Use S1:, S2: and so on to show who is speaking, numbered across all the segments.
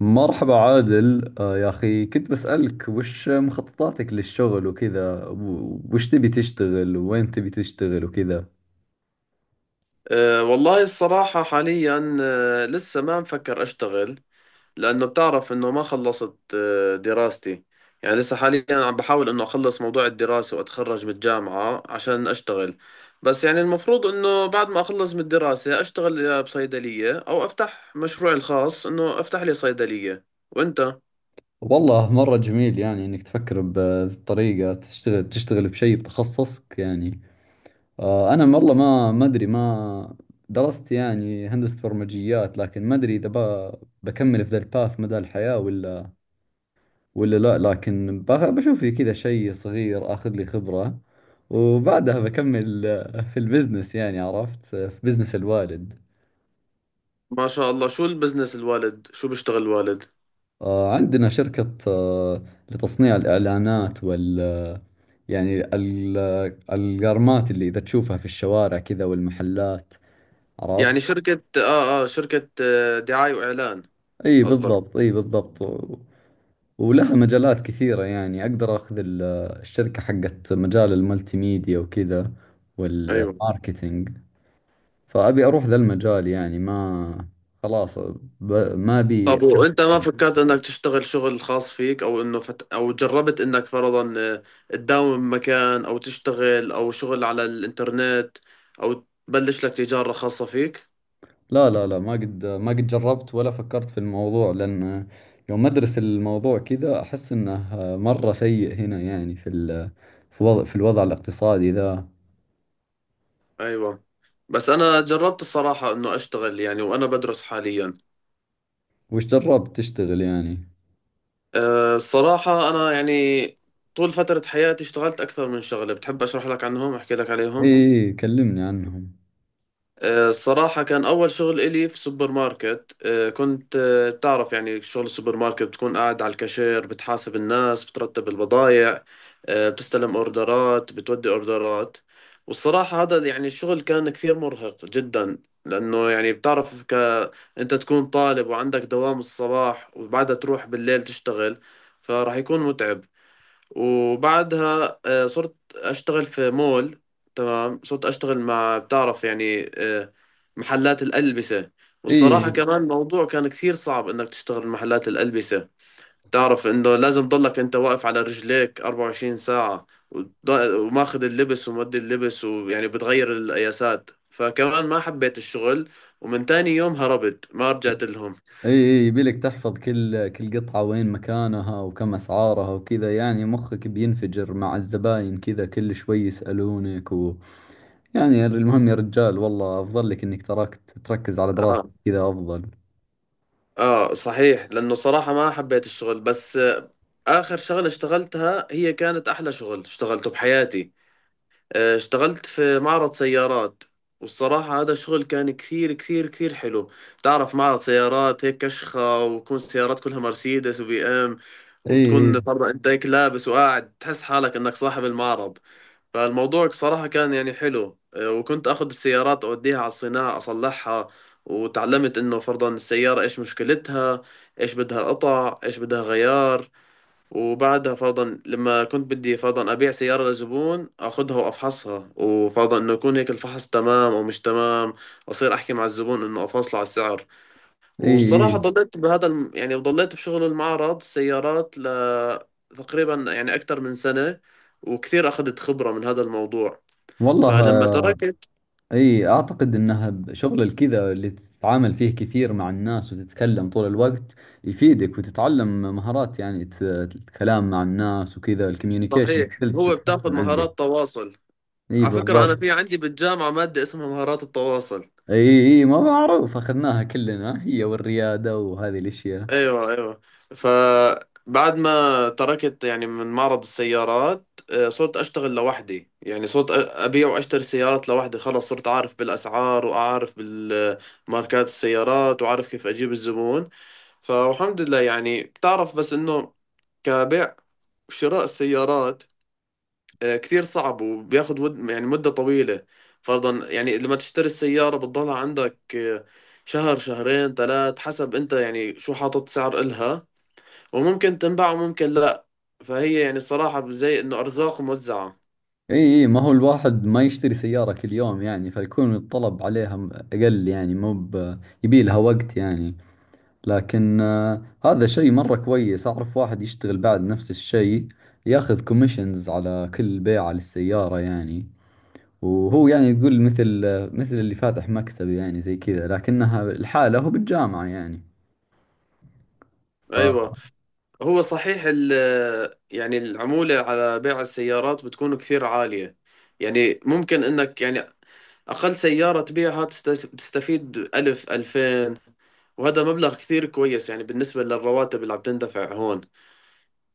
S1: مرحبا عادل، يا أخي، كنت بسألك وش مخططاتك للشغل وكذا وش تبي تشتغل، وين تبي تشتغل وكذا.
S2: والله الصراحة حاليا لسه ما مفكر أشتغل، لأنه بتعرف إنه ما خلصت دراستي. يعني لسه حاليا عم بحاول إنه أخلص موضوع الدراسة وأتخرج من الجامعة عشان أشتغل. بس يعني المفروض إنه بعد ما أخلص من الدراسة أشتغل يا بصيدلية أو أفتح مشروعي الخاص إنه أفتح لي صيدلية. وأنت؟
S1: والله مرة جميل يعني إنك تفكر بطريقة تشتغل بشيء بتخصصك يعني. أنا والله ما أدري، ما درست يعني هندسة برمجيات، لكن ما أدري إذا بكمل في ذا الباث مدى الحياة ولا، ولا لا لكن بشوف لي كذا شيء صغير، اخذ لي خبرة وبعدها بكمل، في البزنس يعني. عرفت؟ في بزنس الوالد.
S2: ما شاء الله، شو البزنس الوالد، شو بيشتغل الوالد؟
S1: عندنا شركة، لتصنيع الإعلانات يعني القرمات اللي إذا تشوفها في الشوارع كذا والمحلات. عرفت؟
S2: يعني شركة آه آه شركة آه دعاية وإعلان.
S1: أي
S2: قصدك.
S1: بالضبط، أي بالضبط، ولها مجالات كثيرة يعني. أقدر أخذ الشركة حقت مجال الملتي ميديا وكذا
S2: أيوة.
S1: والماركتينج. فأبي أروح ذا المجال يعني، ما خلاص، ب... ما أبي.
S2: طب وانت ما فكرت انك تشتغل شغل خاص فيك، او انه او جربت انك فرضا، تداوم مكان او تشتغل او شغل على الانترنت او تبلش لك تجارة خاصة فيك.
S1: لا لا لا، ما قد جربت ولا فكرت في الموضوع، لأن يوم أدرس الموضوع كذا أحس إنه مرة سيء هنا، يعني في ال... في وضع... في الوضع الاقتصادي ذا.
S2: ايوه، بس انا جربت الصراحة انه اشتغل يعني وانا بدرس حاليا.
S1: وش جربت تشتغل يعني؟
S2: الصراحة انا يعني طول فترة حياتي اشتغلت اكثر من شغلة، بتحب اشرح لك عنهم، احكي لك عليهم؟
S1: إي، كلمني عنهم.
S2: الصراحة كان أول شغل إلي في سوبر ماركت. كنت بتعرف يعني شغل السوبر ماركت بتكون قاعد على الكاشير، بتحاسب الناس، بترتب البضائع، بتستلم أوردرات، بتودي أوردرات. والصراحة هذا يعني الشغل كان كثير مرهق جدا، لأنه يعني بتعرف أنت تكون طالب وعندك دوام الصباح وبعدها تروح بالليل تشتغل، فراح يكون متعب. وبعدها صرت أشتغل في مول. تمام، صرت أشتغل مع بتعرف يعني محلات الألبسة.
S1: إي،
S2: والصراحة
S1: إي،
S2: كمان الموضوع كان كثير صعب إنك تشتغل محلات الألبسة. تعرف إنه لازم تضلك أنت واقف على رجليك 24 ساعة، وماخذ اللبس ومودي اللبس ويعني بتغير القياسات، فكمان ما حبيت الشغل. ومن تاني يوم هربت، ما رجعت لهم.
S1: إي، يبيلك تحفظ كل قطعة وين مكانها وكم أسعارها وكذا، يعني مخك بينفجر مع الزباين، كذا كل شوي يسألونك يعني. المهم يا رجال، والله افضل لك انك تركت، تركز على دراستك
S2: آه.
S1: كذا افضل.
S2: صحيح، لأنه صراحة ما حبيت الشغل. بس آخر شغلة اشتغلتها هي كانت أحلى شغل اشتغلته بحياتي. اشتغلت في معرض سيارات. والصراحة هذا الشغل كان كثير كثير كثير حلو. تعرف معرض سيارات هيك كشخة، وتكون السيارات كلها مرسيدس وبي ام،
S1: اي، اي،
S2: وتكون برضه انت هيك لابس وقاعد تحس حالك انك صاحب المعرض. فالموضوع صراحة كان يعني حلو. وكنت اخذ السيارات اوديها على الصناعة اصلحها، وتعلمت انه فرضا السيارة ايش مشكلتها، ايش بدها قطع، ايش بدها غيار. وبعدها فرضا لما كنت بدي فرضا أبيع سيارة لزبون، أخذها وأفحصها، وفرضا إنه يكون هيك الفحص تمام أو مش تمام، أصير أحكي مع الزبون إنه أفاصله على السعر.
S1: اي،
S2: والصراحة
S1: اي،
S2: ضليت بهذا يعني ضليت بشغل المعرض سيارات تقريبا يعني أكثر من سنة، وكثير أخذت خبرة من هذا الموضوع.
S1: والله.
S2: فلما تركت.
S1: اي اعتقد انها شغل الكذا اللي تتعامل فيه كثير مع الناس وتتكلم طول الوقت، يفيدك وتتعلم مهارات يعني، الكلام مع الناس وكذا، الكوميونيكيشن
S2: صحيح،
S1: سكيلز
S2: هو بتاخذ
S1: تتحسن عندك.
S2: مهارات تواصل.
S1: اي
S2: على فكرة أنا
S1: بالضبط.
S2: في عندي بالجامعة مادة اسمها مهارات التواصل.
S1: اي، اي، ما معروف، اخذناها كلنا هي والريادة وهذه الاشياء.
S2: ايوه، ايوه. فبعد ما تركت يعني من معرض السيارات، صرت اشتغل لوحدي. يعني صرت ابيع واشتري سيارات لوحدي، خلص صرت عارف بالاسعار واعرف بالماركات السيارات وعارف كيف اجيب الزبون. فالحمد لله، يعني بتعرف بس انه كبيع وشراء السيارات كثير صعب وبياخد ود يعني مدة طويلة. فرضا يعني لما تشتري السيارة بتضلها عندك شهر شهرين ثلاث، حسب انت يعني شو حاطط سعر إلها، وممكن تنباع وممكن لا. فهي يعني الصراحة زي إنه أرزاق موزعة.
S1: اي، اي، ما هو الواحد ما يشتري سيارة كل يوم يعني، فيكون الطلب عليها اقل، يعني مو يبي لها وقت يعني. لكن، هذا شيء مرة كويس. اعرف واحد يشتغل بعد نفس الشيء، ياخذ كوميشنز على كل بيعة للسيارة يعني. وهو يعني، تقول مثل، مثل اللي فاتح مكتب يعني، زي كذا، لكنها الحالة هو بالجامعة يعني. ف...
S2: أيوة. هو صحيح يعني العمولة على بيع السيارات بتكون كثير عالية. يعني ممكن إنك يعني أقل سيارة تبيعها تستفيد ألف ألفين، وهذا مبلغ كثير كويس يعني بالنسبة للرواتب اللي عم تندفع هون.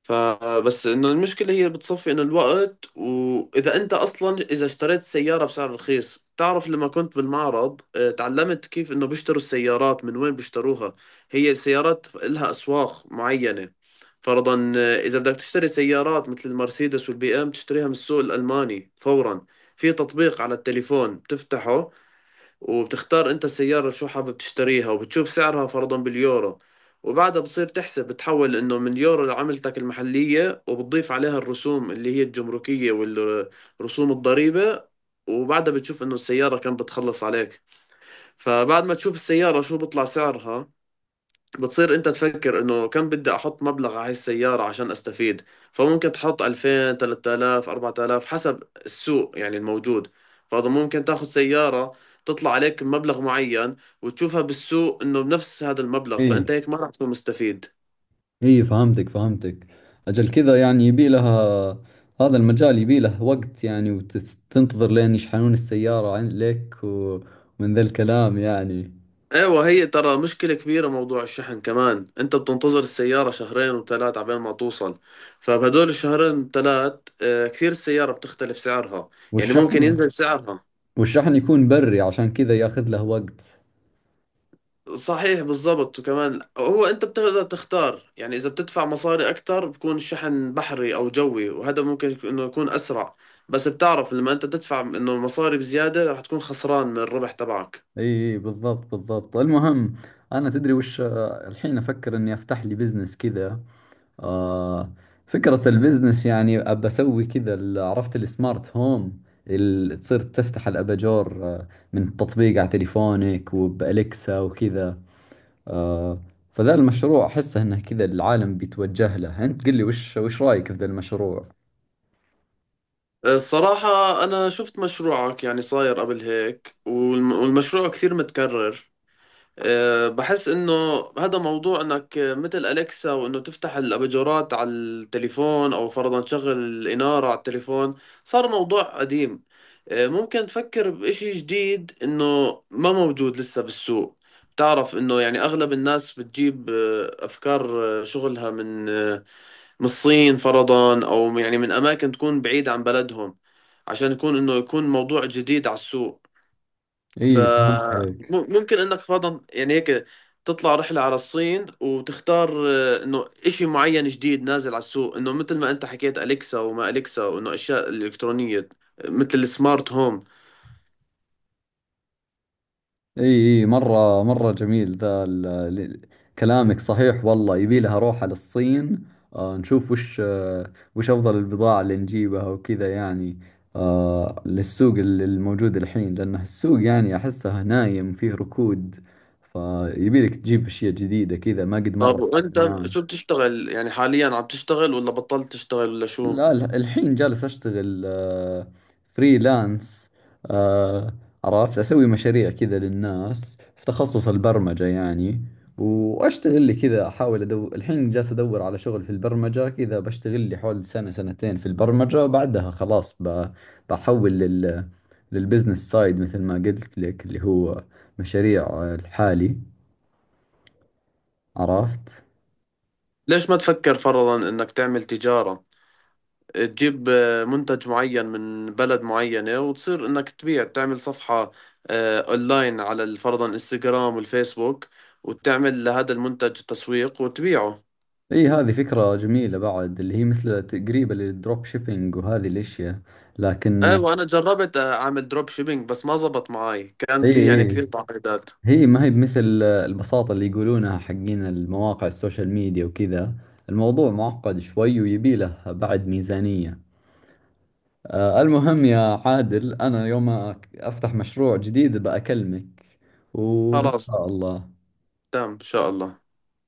S2: فبس انه المشكلة هي بتصفي انه الوقت، واذا انت اصلا اذا اشتريت سيارة بسعر رخيص. تعرف لما كنت بالمعرض تعلمت كيف انه بيشتروا السيارات، من وين بيشتروها. هي السيارات لها اسواق معينة. فرضا، اذا بدك تشتري سيارات مثل المرسيدس والبي ام تشتريها من السوق الالماني فورا. في تطبيق على التليفون بتفتحه، وبتختار انت السيارة شو حابب تشتريها، وبتشوف سعرها فرضا باليورو. وبعدها بتصير تحسب، بتحول انه من يورو لعملتك المحلية، وبتضيف عليها الرسوم اللي هي الجمركية والرسوم الضريبة، وبعدها بتشوف انه السيارة كم بتخلص عليك. فبعد ما تشوف السيارة شو بيطلع سعرها، بتصير انت تفكر انه كم بدي احط مبلغ على هاي السيارة عشان استفيد. فممكن تحط 2000 3000 4000 حسب السوق يعني الموجود. فهذا ممكن تاخذ سيارة تطلع عليك مبلغ معين، وتشوفها بالسوق انه بنفس هذا المبلغ،
S1: إي.
S2: فانت هيك ما راح تكون مستفيد.
S1: اي فهمتك، فهمتك. اجل كذا يعني يبي لها، هذا المجال يبي له وقت يعني، وتنتظر لين يشحنون السيارة لك ومن ذا الكلام يعني.
S2: ايوه، هي ترى مشكلة كبيرة موضوع الشحن كمان، انت بتنتظر السيارة شهرين وثلاث عبين ما توصل. فبهدول الشهرين ثلاث كثير السيارة بتختلف سعرها، يعني ممكن
S1: والشحن،
S2: ينزل سعرها.
S1: والشحن يكون بري عشان كذا ياخذ له وقت.
S2: صحيح، بالضبط. وكمان هو انت بتقدر تختار يعني اذا بتدفع مصاري اكثر بكون شحن بحري او جوي، وهذا ممكن انه يكون اسرع. بس بتعرف لما انت تدفع انه مصاري بزيادة رح تكون خسران من الربح تبعك.
S1: اي، إي بالضبط، بالضبط. المهم، انا تدري وش، الحين افكر اني افتح لي بزنس كذا. آه فكرة البزنس يعني أبى أسوي كذا، عرفت السمارت هوم اللي تصير تفتح الأباجور من تطبيق على تليفونك وبأليكسا وكذا. آه فذا المشروع أحسه إنه كذا العالم بيتوجه له. أنت قل لي، وش رأيك في ذا المشروع؟
S2: الصراحة انا شفت مشروعك يعني صاير قبل هيك، والمشروع كثير متكرر. بحس انه هذا موضوع انك مثل اليكسا، وانه تفتح الاباجورات على التليفون او فرضا تشغل الاناره على التليفون، صار موضوع قديم. ممكن تفكر بإشي جديد انه ما موجود لسه بالسوق. بتعرف انه يعني اغلب الناس بتجيب افكار، شغلها من الصين فرضا او يعني من اماكن تكون بعيدة عن بلدهم، عشان يكون انه يكون موضوع جديد على السوق.
S1: إيه فهمت عليك.
S2: فممكن انك فرضا يعني هيك تطلع رحلة على الصين وتختار انه اشي معين جديد نازل على السوق، انه مثل ما انت حكيت اليكسا وما اليكسا، وانه اشياء الكترونية مثل السمارت هوم.
S1: اي، اي، مرة مرة جميل ذا ال- كلامك صحيح. والله يبي لها اروح على الصين، نشوف وش، وش افضل البضاعة اللي نجيبها وكذا يعني، للسوق الموجود الحين، لانه السوق يعني احسه نايم، فيه ركود، فيبي لك تجيب اشياء جديدة كذا، ما قد
S2: طب
S1: مرت على
S2: وانت
S1: الناس.
S2: شو بتشتغل، يعني حاليا عم تشتغل ولا بطلت تشتغل ولا شو؟
S1: لا، الحين جالس أشتغل فريلانس. آه، عرفت أسوي مشاريع كذا للناس في تخصص البرمجة يعني. وأشتغل لي كذا، أحاول أدور، الحين جالس أدور على شغل في البرمجة كذا، بشتغل لي حول سنة سنتين في البرمجة، بعدها خلاص، بحول للبزنس سايد، مثل ما قلت لك اللي هو مشاريع، الحالي. عرفت.
S2: ليش ما تفكر فرضا انك تعمل تجارة، تجيب منتج معين من بلد معينة وتصير انك تبيع، تعمل صفحة اونلاين على فرضا انستغرام والفيسبوك، وتعمل لهذا المنتج تسويق وتبيعه.
S1: اي هذه فكرة جميلة بعد، اللي هي مثل قريبة للدروب شيبينج وهذه الاشياء،
S2: ايه،
S1: لكن،
S2: وانا جربت اعمل دروب شيبينج بس ما زبط معي، كان
S1: اي،
S2: في يعني
S1: اي،
S2: كثير تعقيدات.
S1: هي ما هي بمثل البساطة اللي يقولونها حقين المواقع السوشيال ميديا وكذا. الموضوع معقد شوي، ويبي له بعد ميزانية. المهم يا عادل، انا يوم افتح مشروع جديد بأكلمك، وان
S2: خلاص.
S1: شاء الله.
S2: تمام، ان شاء الله.